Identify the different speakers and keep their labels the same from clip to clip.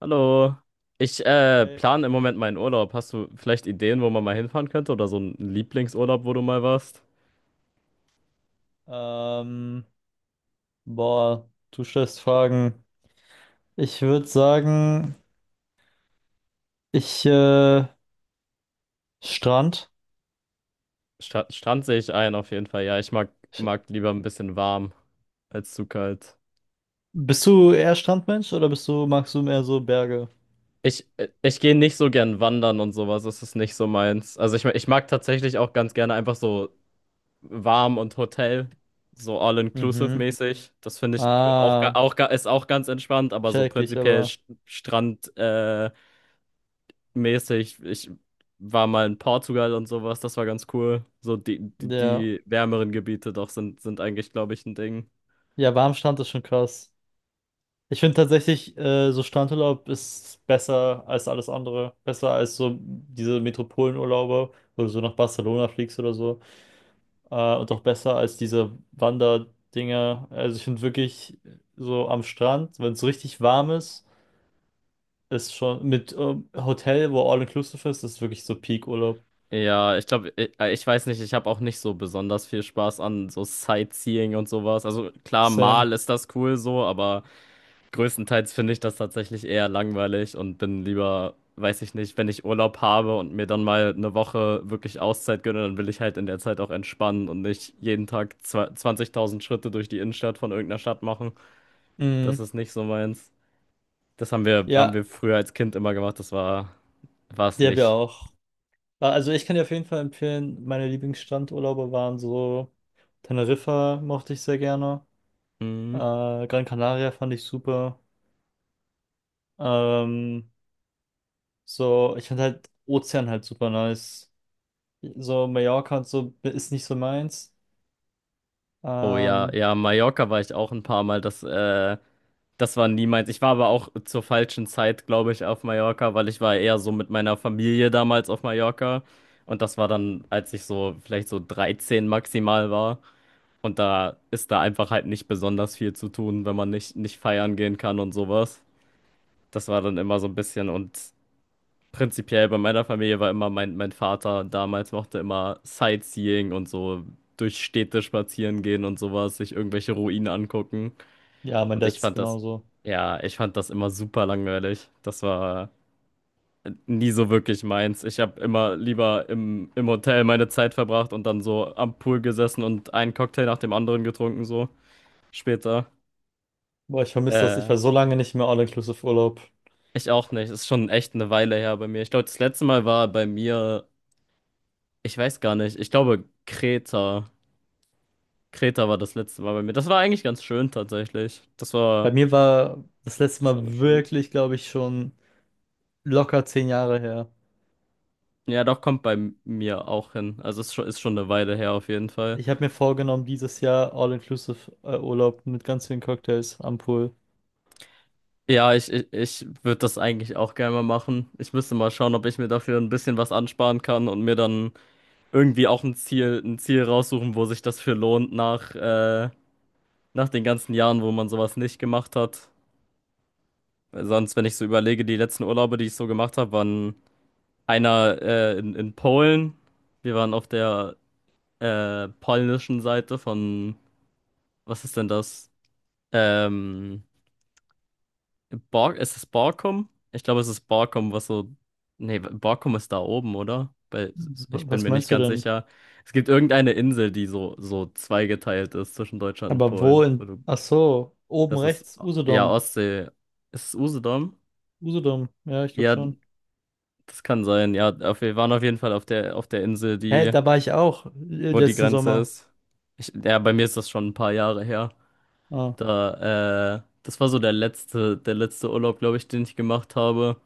Speaker 1: Hallo. Ich
Speaker 2: Hey,
Speaker 1: plane im Moment meinen Urlaub. Hast du vielleicht Ideen, wo man mal hinfahren könnte? Oder so einen Lieblingsurlaub, wo du mal warst?
Speaker 2: ähm, boah, du stellst Fragen. Ich würde sagen, ich, äh, Strand.
Speaker 1: Sta Strand sehe ich ein, auf jeden Fall. Ja, ich mag,
Speaker 2: Ich,
Speaker 1: mag lieber ein bisschen warm als zu kalt.
Speaker 2: Bist du eher Strandmensch oder magst du mehr so Berge?
Speaker 1: Ich gehe nicht so gern wandern und sowas. Das ist nicht so meins. Also ich mag tatsächlich auch ganz gerne einfach so warm und Hotel. So
Speaker 2: Mhm.
Speaker 1: all-inclusive-mäßig. Das finde ich auch, ga-
Speaker 2: Ah,
Speaker 1: auch, ga- ist auch ganz entspannt, aber so
Speaker 2: check ich,
Speaker 1: prinzipiell
Speaker 2: aber
Speaker 1: Strand, mäßig. Ich war mal in Portugal und sowas, das war ganz cool. So die, die,
Speaker 2: der,
Speaker 1: die wärmeren Gebiete doch sind eigentlich, glaube ich, ein Ding.
Speaker 2: ja, warm Strand ist schon krass. Ich finde tatsächlich, so Strandurlaub ist besser als alles andere. Besser als so diese Metropolenurlaube, wo du so nach Barcelona fliegst oder so. Und auch besser als diese Wanderdinger. Also ich finde wirklich so am Strand, wenn es richtig warm ist, ist schon mit Hotel, wo all inclusive ist, ist wirklich so Peak-Urlaub.
Speaker 1: Ja, ich glaube, ich weiß nicht, ich habe auch nicht so besonders viel Spaß an so Sightseeing und sowas. Also klar,
Speaker 2: Same.
Speaker 1: mal ist das cool so, aber größtenteils finde ich das tatsächlich eher langweilig und bin lieber, weiß ich nicht, wenn ich Urlaub habe und mir dann mal eine Woche wirklich Auszeit gönne, dann will ich halt in der Zeit auch entspannen und nicht jeden Tag 20.000 Schritte durch die Innenstadt von irgendeiner Stadt machen. Das
Speaker 2: Mhm.
Speaker 1: ist nicht so meins. Das haben wir, haben
Speaker 2: Ja,
Speaker 1: wir früher als Kind immer gemacht, das war es
Speaker 2: die habe ich
Speaker 1: nicht.
Speaker 2: auch. Also ich kann dir auf jeden Fall empfehlen, meine Lieblingsstrandurlaube waren so Teneriffa mochte ich sehr gerne.
Speaker 1: Hm.
Speaker 2: Gran Canaria fand ich super. Ähm, Ich fand halt Ozean halt super nice. So Mallorca und so ist nicht so meins.
Speaker 1: Oh ja,
Speaker 2: Ähm,
Speaker 1: ja, Mallorca war ich auch ein paar Mal. Das war nie meins. Ich war aber auch zur falschen Zeit, glaube ich, auf Mallorca, weil ich war eher so mit meiner Familie damals auf Mallorca. Und das war dann, als ich so vielleicht so 13 maximal war. Und da ist da einfach halt nicht besonders viel zu tun, wenn man nicht feiern gehen kann und sowas. Das war dann immer so ein bisschen und prinzipiell bei meiner Familie war immer mein Vater damals mochte immer Sightseeing und so durch Städte spazieren gehen und sowas, sich irgendwelche Ruinen angucken.
Speaker 2: ja, mein
Speaker 1: Und ich
Speaker 2: Dad's
Speaker 1: fand das,
Speaker 2: genauso.
Speaker 1: ja, ich fand das immer super langweilig. Das war nie so wirklich meins. Ich habe immer lieber im Hotel meine Zeit verbracht und dann so am Pool gesessen und einen Cocktail nach dem anderen getrunken, so später.
Speaker 2: Boah, ich vermisse das. Ich
Speaker 1: Äh,
Speaker 2: war so lange nicht mehr All-Inclusive-Urlaub.
Speaker 1: Ich auch nicht. Ist schon echt eine Weile her bei mir. Ich glaube, das letzte Mal war bei mir, ich weiß gar nicht, ich glaube Kreta. Kreta war das letzte Mal bei mir. Das war eigentlich ganz schön tatsächlich. Das
Speaker 2: Bei
Speaker 1: war,
Speaker 2: mir war das letzte
Speaker 1: das war noch
Speaker 2: Mal
Speaker 1: schön.
Speaker 2: wirklich, glaube ich, schon locker 10 Jahre her.
Speaker 1: Ja, doch kommt bei mir auch hin. Also es ist schon eine Weile her auf jeden Fall.
Speaker 2: Ich habe mir vorgenommen, dieses Jahr All-Inclusive-Urlaub mit ganz vielen Cocktails am Pool.
Speaker 1: Ja, ich würde das eigentlich auch gerne mal machen. Ich müsste mal schauen, ob ich mir dafür ein bisschen was ansparen kann und mir dann irgendwie auch ein Ziel raussuchen, wo sich das für lohnt nach den ganzen Jahren, wo man sowas nicht gemacht hat. Weil sonst, wenn ich so überlege, die letzten Urlaube, die ich so gemacht habe, waren einer in Polen. Wir waren auf der polnischen Seite von, was ist denn das? Ähm, ist es Barcom? Ich glaube, es ist Barcom, was so. Nee, Barcom ist da oben, oder? Weil ich
Speaker 2: W-
Speaker 1: bin
Speaker 2: Was
Speaker 1: mir nicht
Speaker 2: meinst du
Speaker 1: ganz
Speaker 2: denn?
Speaker 1: sicher. Es gibt irgendeine Insel, die so zweigeteilt ist zwischen Deutschland und
Speaker 2: Aber wo
Speaker 1: Polen.
Speaker 2: in... Ach so, oben
Speaker 1: Das ist,
Speaker 2: rechts,
Speaker 1: ja,
Speaker 2: Usedom.
Speaker 1: Ostsee. Ist es Usedom?
Speaker 2: Usedom, ja, ich glaube
Speaker 1: Ja,
Speaker 2: schon.
Speaker 1: das kann sein. Ja, wir waren auf jeden Fall auf der Insel,
Speaker 2: Hä, da war ich auch
Speaker 1: wo die
Speaker 2: letzten
Speaker 1: Grenze
Speaker 2: Sommer.
Speaker 1: ist. Ja, bei mir ist das schon ein paar Jahre her.
Speaker 2: Ah.
Speaker 1: Das war so der letzte Urlaub, glaube ich, den ich gemacht habe.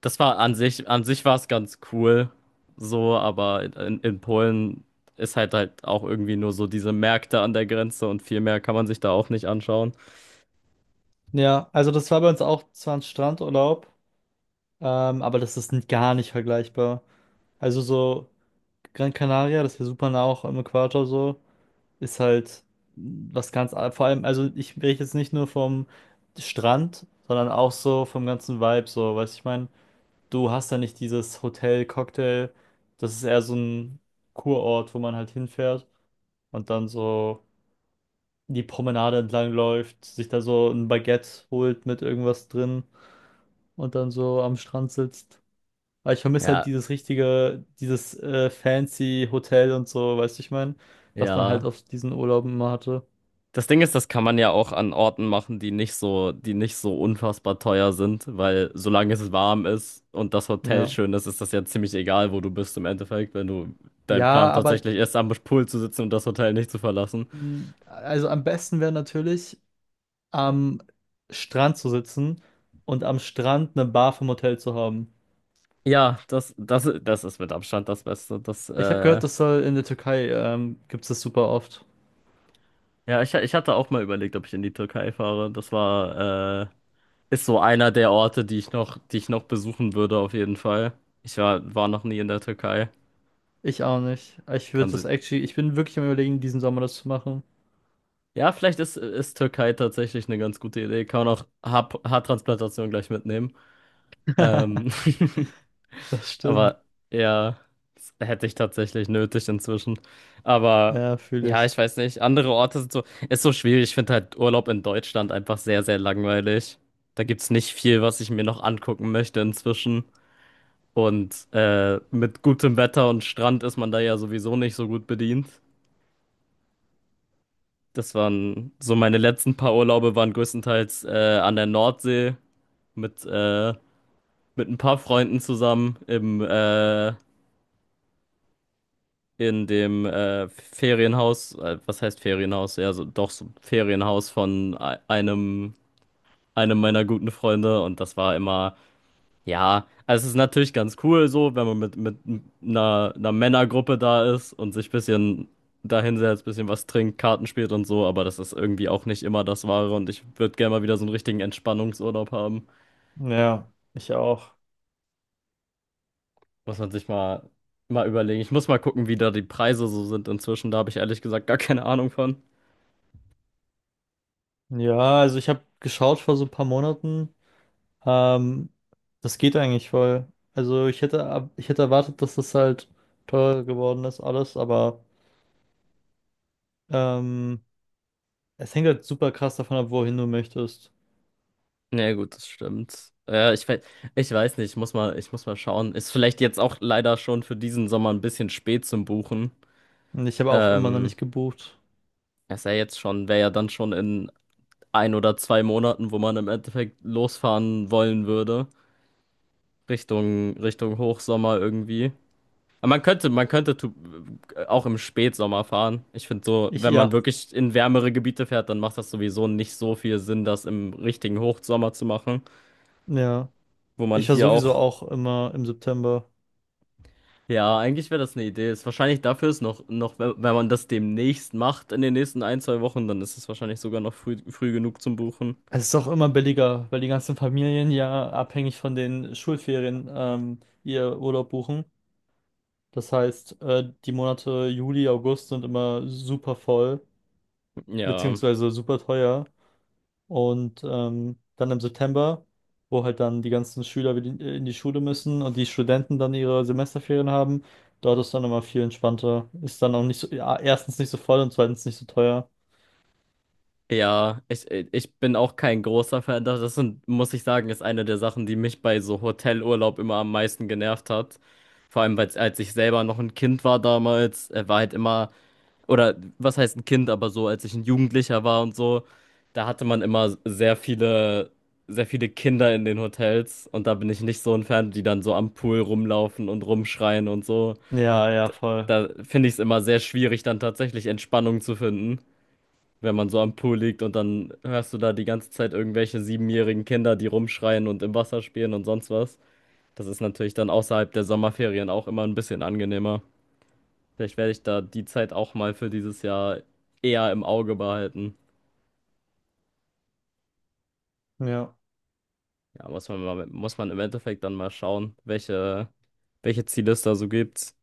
Speaker 1: Das war an sich, An sich war es ganz cool, so, aber in Polen ist halt auch irgendwie nur so diese Märkte an der Grenze und viel mehr kann man sich da auch nicht anschauen.
Speaker 2: Ja, also das war bei uns auch zwar ein Strandurlaub. Aber das ist gar nicht vergleichbar. Also so Gran Canaria, das ist ja super nah auch am Äquator so, ist halt was vor allem, also ich rede jetzt nicht nur vom Strand, sondern auch so vom ganzen Vibe so, weißt du, ich meine, du hast da nicht dieses Hotel, Cocktail, das ist eher so ein Kurort, wo man halt hinfährt und dann so die Promenade entlang läuft, sich da so ein Baguette holt mit irgendwas drin und dann so am Strand sitzt. Aber ich vermisse halt
Speaker 1: Ja,
Speaker 2: dieses richtige, dieses fancy Hotel und so, weißt du, ich meine, was man halt
Speaker 1: ja.
Speaker 2: auf diesen Urlauben immer hatte.
Speaker 1: Das Ding ist, das kann man ja auch an Orten machen, die nicht so unfassbar teuer sind, weil solange es warm ist und das Hotel
Speaker 2: Ja.
Speaker 1: schön ist, ist das ja ziemlich egal, wo du bist im Endeffekt, wenn du dein
Speaker 2: Ja,
Speaker 1: Plan
Speaker 2: aber
Speaker 1: tatsächlich ist, am Pool zu sitzen und das Hotel nicht zu verlassen.
Speaker 2: also am besten wäre natürlich am Strand zu sitzen und am Strand eine Bar vom Hotel zu haben.
Speaker 1: Ja, das ist mit Abstand das Beste.
Speaker 2: Ich habe gehört, das soll in der Türkei gibt es das super oft.
Speaker 1: Ja, ich hatte auch mal überlegt, ob ich in die Türkei fahre. Ist so einer der Orte, die ich noch besuchen würde, auf jeden Fall. Ich war noch nie in der Türkei.
Speaker 2: Ich auch nicht. Ich
Speaker 1: Kann
Speaker 2: würde das
Speaker 1: sie.
Speaker 2: actually, ich bin wirklich am Überlegen, diesen Sommer das zu machen.
Speaker 1: Ja, vielleicht ist Türkei tatsächlich eine ganz gute Idee. Kann man auch Haartransplantation gleich mitnehmen. Ähm.
Speaker 2: Das stimmt.
Speaker 1: Aber ja, das hätte ich tatsächlich nötig inzwischen. Aber
Speaker 2: Ja, fühle
Speaker 1: ja,
Speaker 2: ich.
Speaker 1: ich weiß nicht. Andere Orte sind so, ist so schwierig. Ich finde halt Urlaub in Deutschland einfach sehr, sehr langweilig. Da gibt's nicht viel, was ich mir noch angucken möchte inzwischen. Und mit gutem Wetter und Strand ist man da ja sowieso nicht so gut bedient. Das waren so meine letzten paar Urlaube waren größtenteils an der Nordsee mit, äh, mit ein paar Freunden zusammen im in dem Ferienhaus, was heißt Ferienhaus? Ja, so, doch so Ferienhaus von einem meiner guten Freunde und das war immer, ja, also es ist natürlich ganz cool so, wenn man mit einer Männergruppe da ist und sich ein bisschen dahinsetzt, ein bisschen was trinkt, Karten spielt und so, aber das ist irgendwie auch nicht immer das Wahre und ich würde gerne mal wieder so einen richtigen Entspannungsurlaub haben.
Speaker 2: Ja, ich auch.
Speaker 1: Muss man sich mal überlegen. Ich muss mal gucken, wie da die Preise so sind inzwischen, da habe ich ehrlich gesagt gar keine Ahnung von.
Speaker 2: Ja, also ich habe geschaut vor so ein paar Monaten. Ähm, Das geht eigentlich voll. Also ich hätte, ich hätte erwartet, dass das halt teurer geworden ist, alles, aber ähm, es hängt halt super krass davon ab, wohin du möchtest.
Speaker 1: Ja, gut, das stimmt. Ja, ich weiß nicht, ich muss mal schauen. Ist vielleicht jetzt auch leider schon für diesen Sommer ein bisschen spät zum Buchen.
Speaker 2: Und ich habe auch immer noch
Speaker 1: Ähm,
Speaker 2: nicht gebucht.
Speaker 1: Ist ja jetzt schon, wäre ja dann schon in ein oder zwei Monaten, wo man im Endeffekt losfahren wollen würde. Richtung Hochsommer irgendwie. Aber man könnte auch im Spätsommer fahren. Ich finde so, wenn man
Speaker 2: Ja,
Speaker 1: wirklich in wärmere Gebiete fährt, dann macht das sowieso nicht so viel Sinn, das im richtigen Hochsommer zu machen,
Speaker 2: ja.
Speaker 1: wo man
Speaker 2: Ich war
Speaker 1: hier
Speaker 2: sowieso
Speaker 1: auch.
Speaker 2: auch immer im September.
Speaker 1: Ja, eigentlich wäre das eine Idee. Ist wahrscheinlich dafür ist wenn man das demnächst macht, in den nächsten ein, zwei Wochen, dann ist es wahrscheinlich sogar noch früh genug zum Buchen.
Speaker 2: Es ist auch immer billiger, weil die ganzen Familien ja abhängig von den Schulferien ihr Urlaub buchen. Das heißt, die Monate Juli, August sind immer super voll,
Speaker 1: Ja.
Speaker 2: beziehungsweise super teuer. Und dann im September, wo halt dann die ganzen Schüler wieder in die Schule müssen und die Studenten dann ihre Semesterferien haben, dort ist dann immer viel entspannter. Ist dann auch nicht so, ja, erstens nicht so voll und zweitens nicht so teuer.
Speaker 1: Ja, ich bin auch kein großer Fan. Das ist, und muss ich sagen, ist eine der Sachen, die mich bei so Hotelurlaub immer am meisten genervt hat. Vor allem, weil als ich selber noch ein Kind war damals, war halt immer oder was heißt ein Kind, aber so, als ich ein Jugendlicher war und so, da hatte man immer sehr viele Kinder in den Hotels und da bin ich nicht so ein Fan, die dann so am Pool rumlaufen und rumschreien und so.
Speaker 2: Ja, ja,
Speaker 1: D-
Speaker 2: voll.
Speaker 1: Da finde ich es immer sehr schwierig, dann tatsächlich Entspannung zu finden, wenn man so am Pool liegt und dann hörst du da die ganze Zeit irgendwelche siebenjährigen Kinder, die rumschreien und im Wasser spielen und sonst was. Das ist natürlich dann außerhalb der Sommerferien auch immer ein bisschen angenehmer. Vielleicht werde ich da die Zeit auch mal für dieses Jahr eher im Auge behalten.
Speaker 2: Ja.
Speaker 1: Ja, muss man mal, muss man im Endeffekt dann mal schauen, welche Ziele es da so gibt.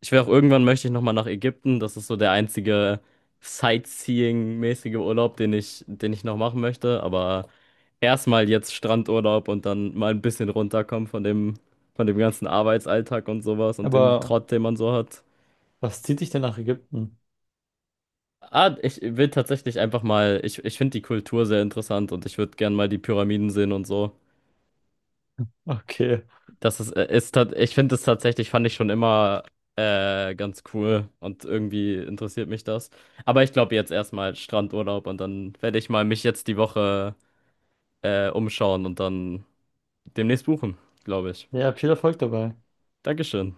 Speaker 1: Ich will auch irgendwann möchte ich nochmal nach Ägypten. Das ist so der einzige sightseeing-mäßige Urlaub, den ich noch machen möchte. Aber erstmal jetzt Strandurlaub und dann mal ein bisschen runterkommen von dem ganzen Arbeitsalltag und sowas und dem
Speaker 2: Aber
Speaker 1: Trott, den man so hat.
Speaker 2: was zieht dich denn nach Ägypten?
Speaker 1: Ah, ich will tatsächlich einfach mal, ich finde die Kultur sehr interessant und ich würde gern mal die Pyramiden sehen und so.
Speaker 2: Okay.
Speaker 1: Das ist, ist tat- Ich finde es tatsächlich, fand ich schon immer ganz cool und irgendwie interessiert mich das. Aber ich glaube jetzt erstmal Strandurlaub und dann werde ich mal mich jetzt die Woche umschauen und dann demnächst buchen, glaube ich.
Speaker 2: Ja, viel Erfolg dabei.
Speaker 1: Dankeschön.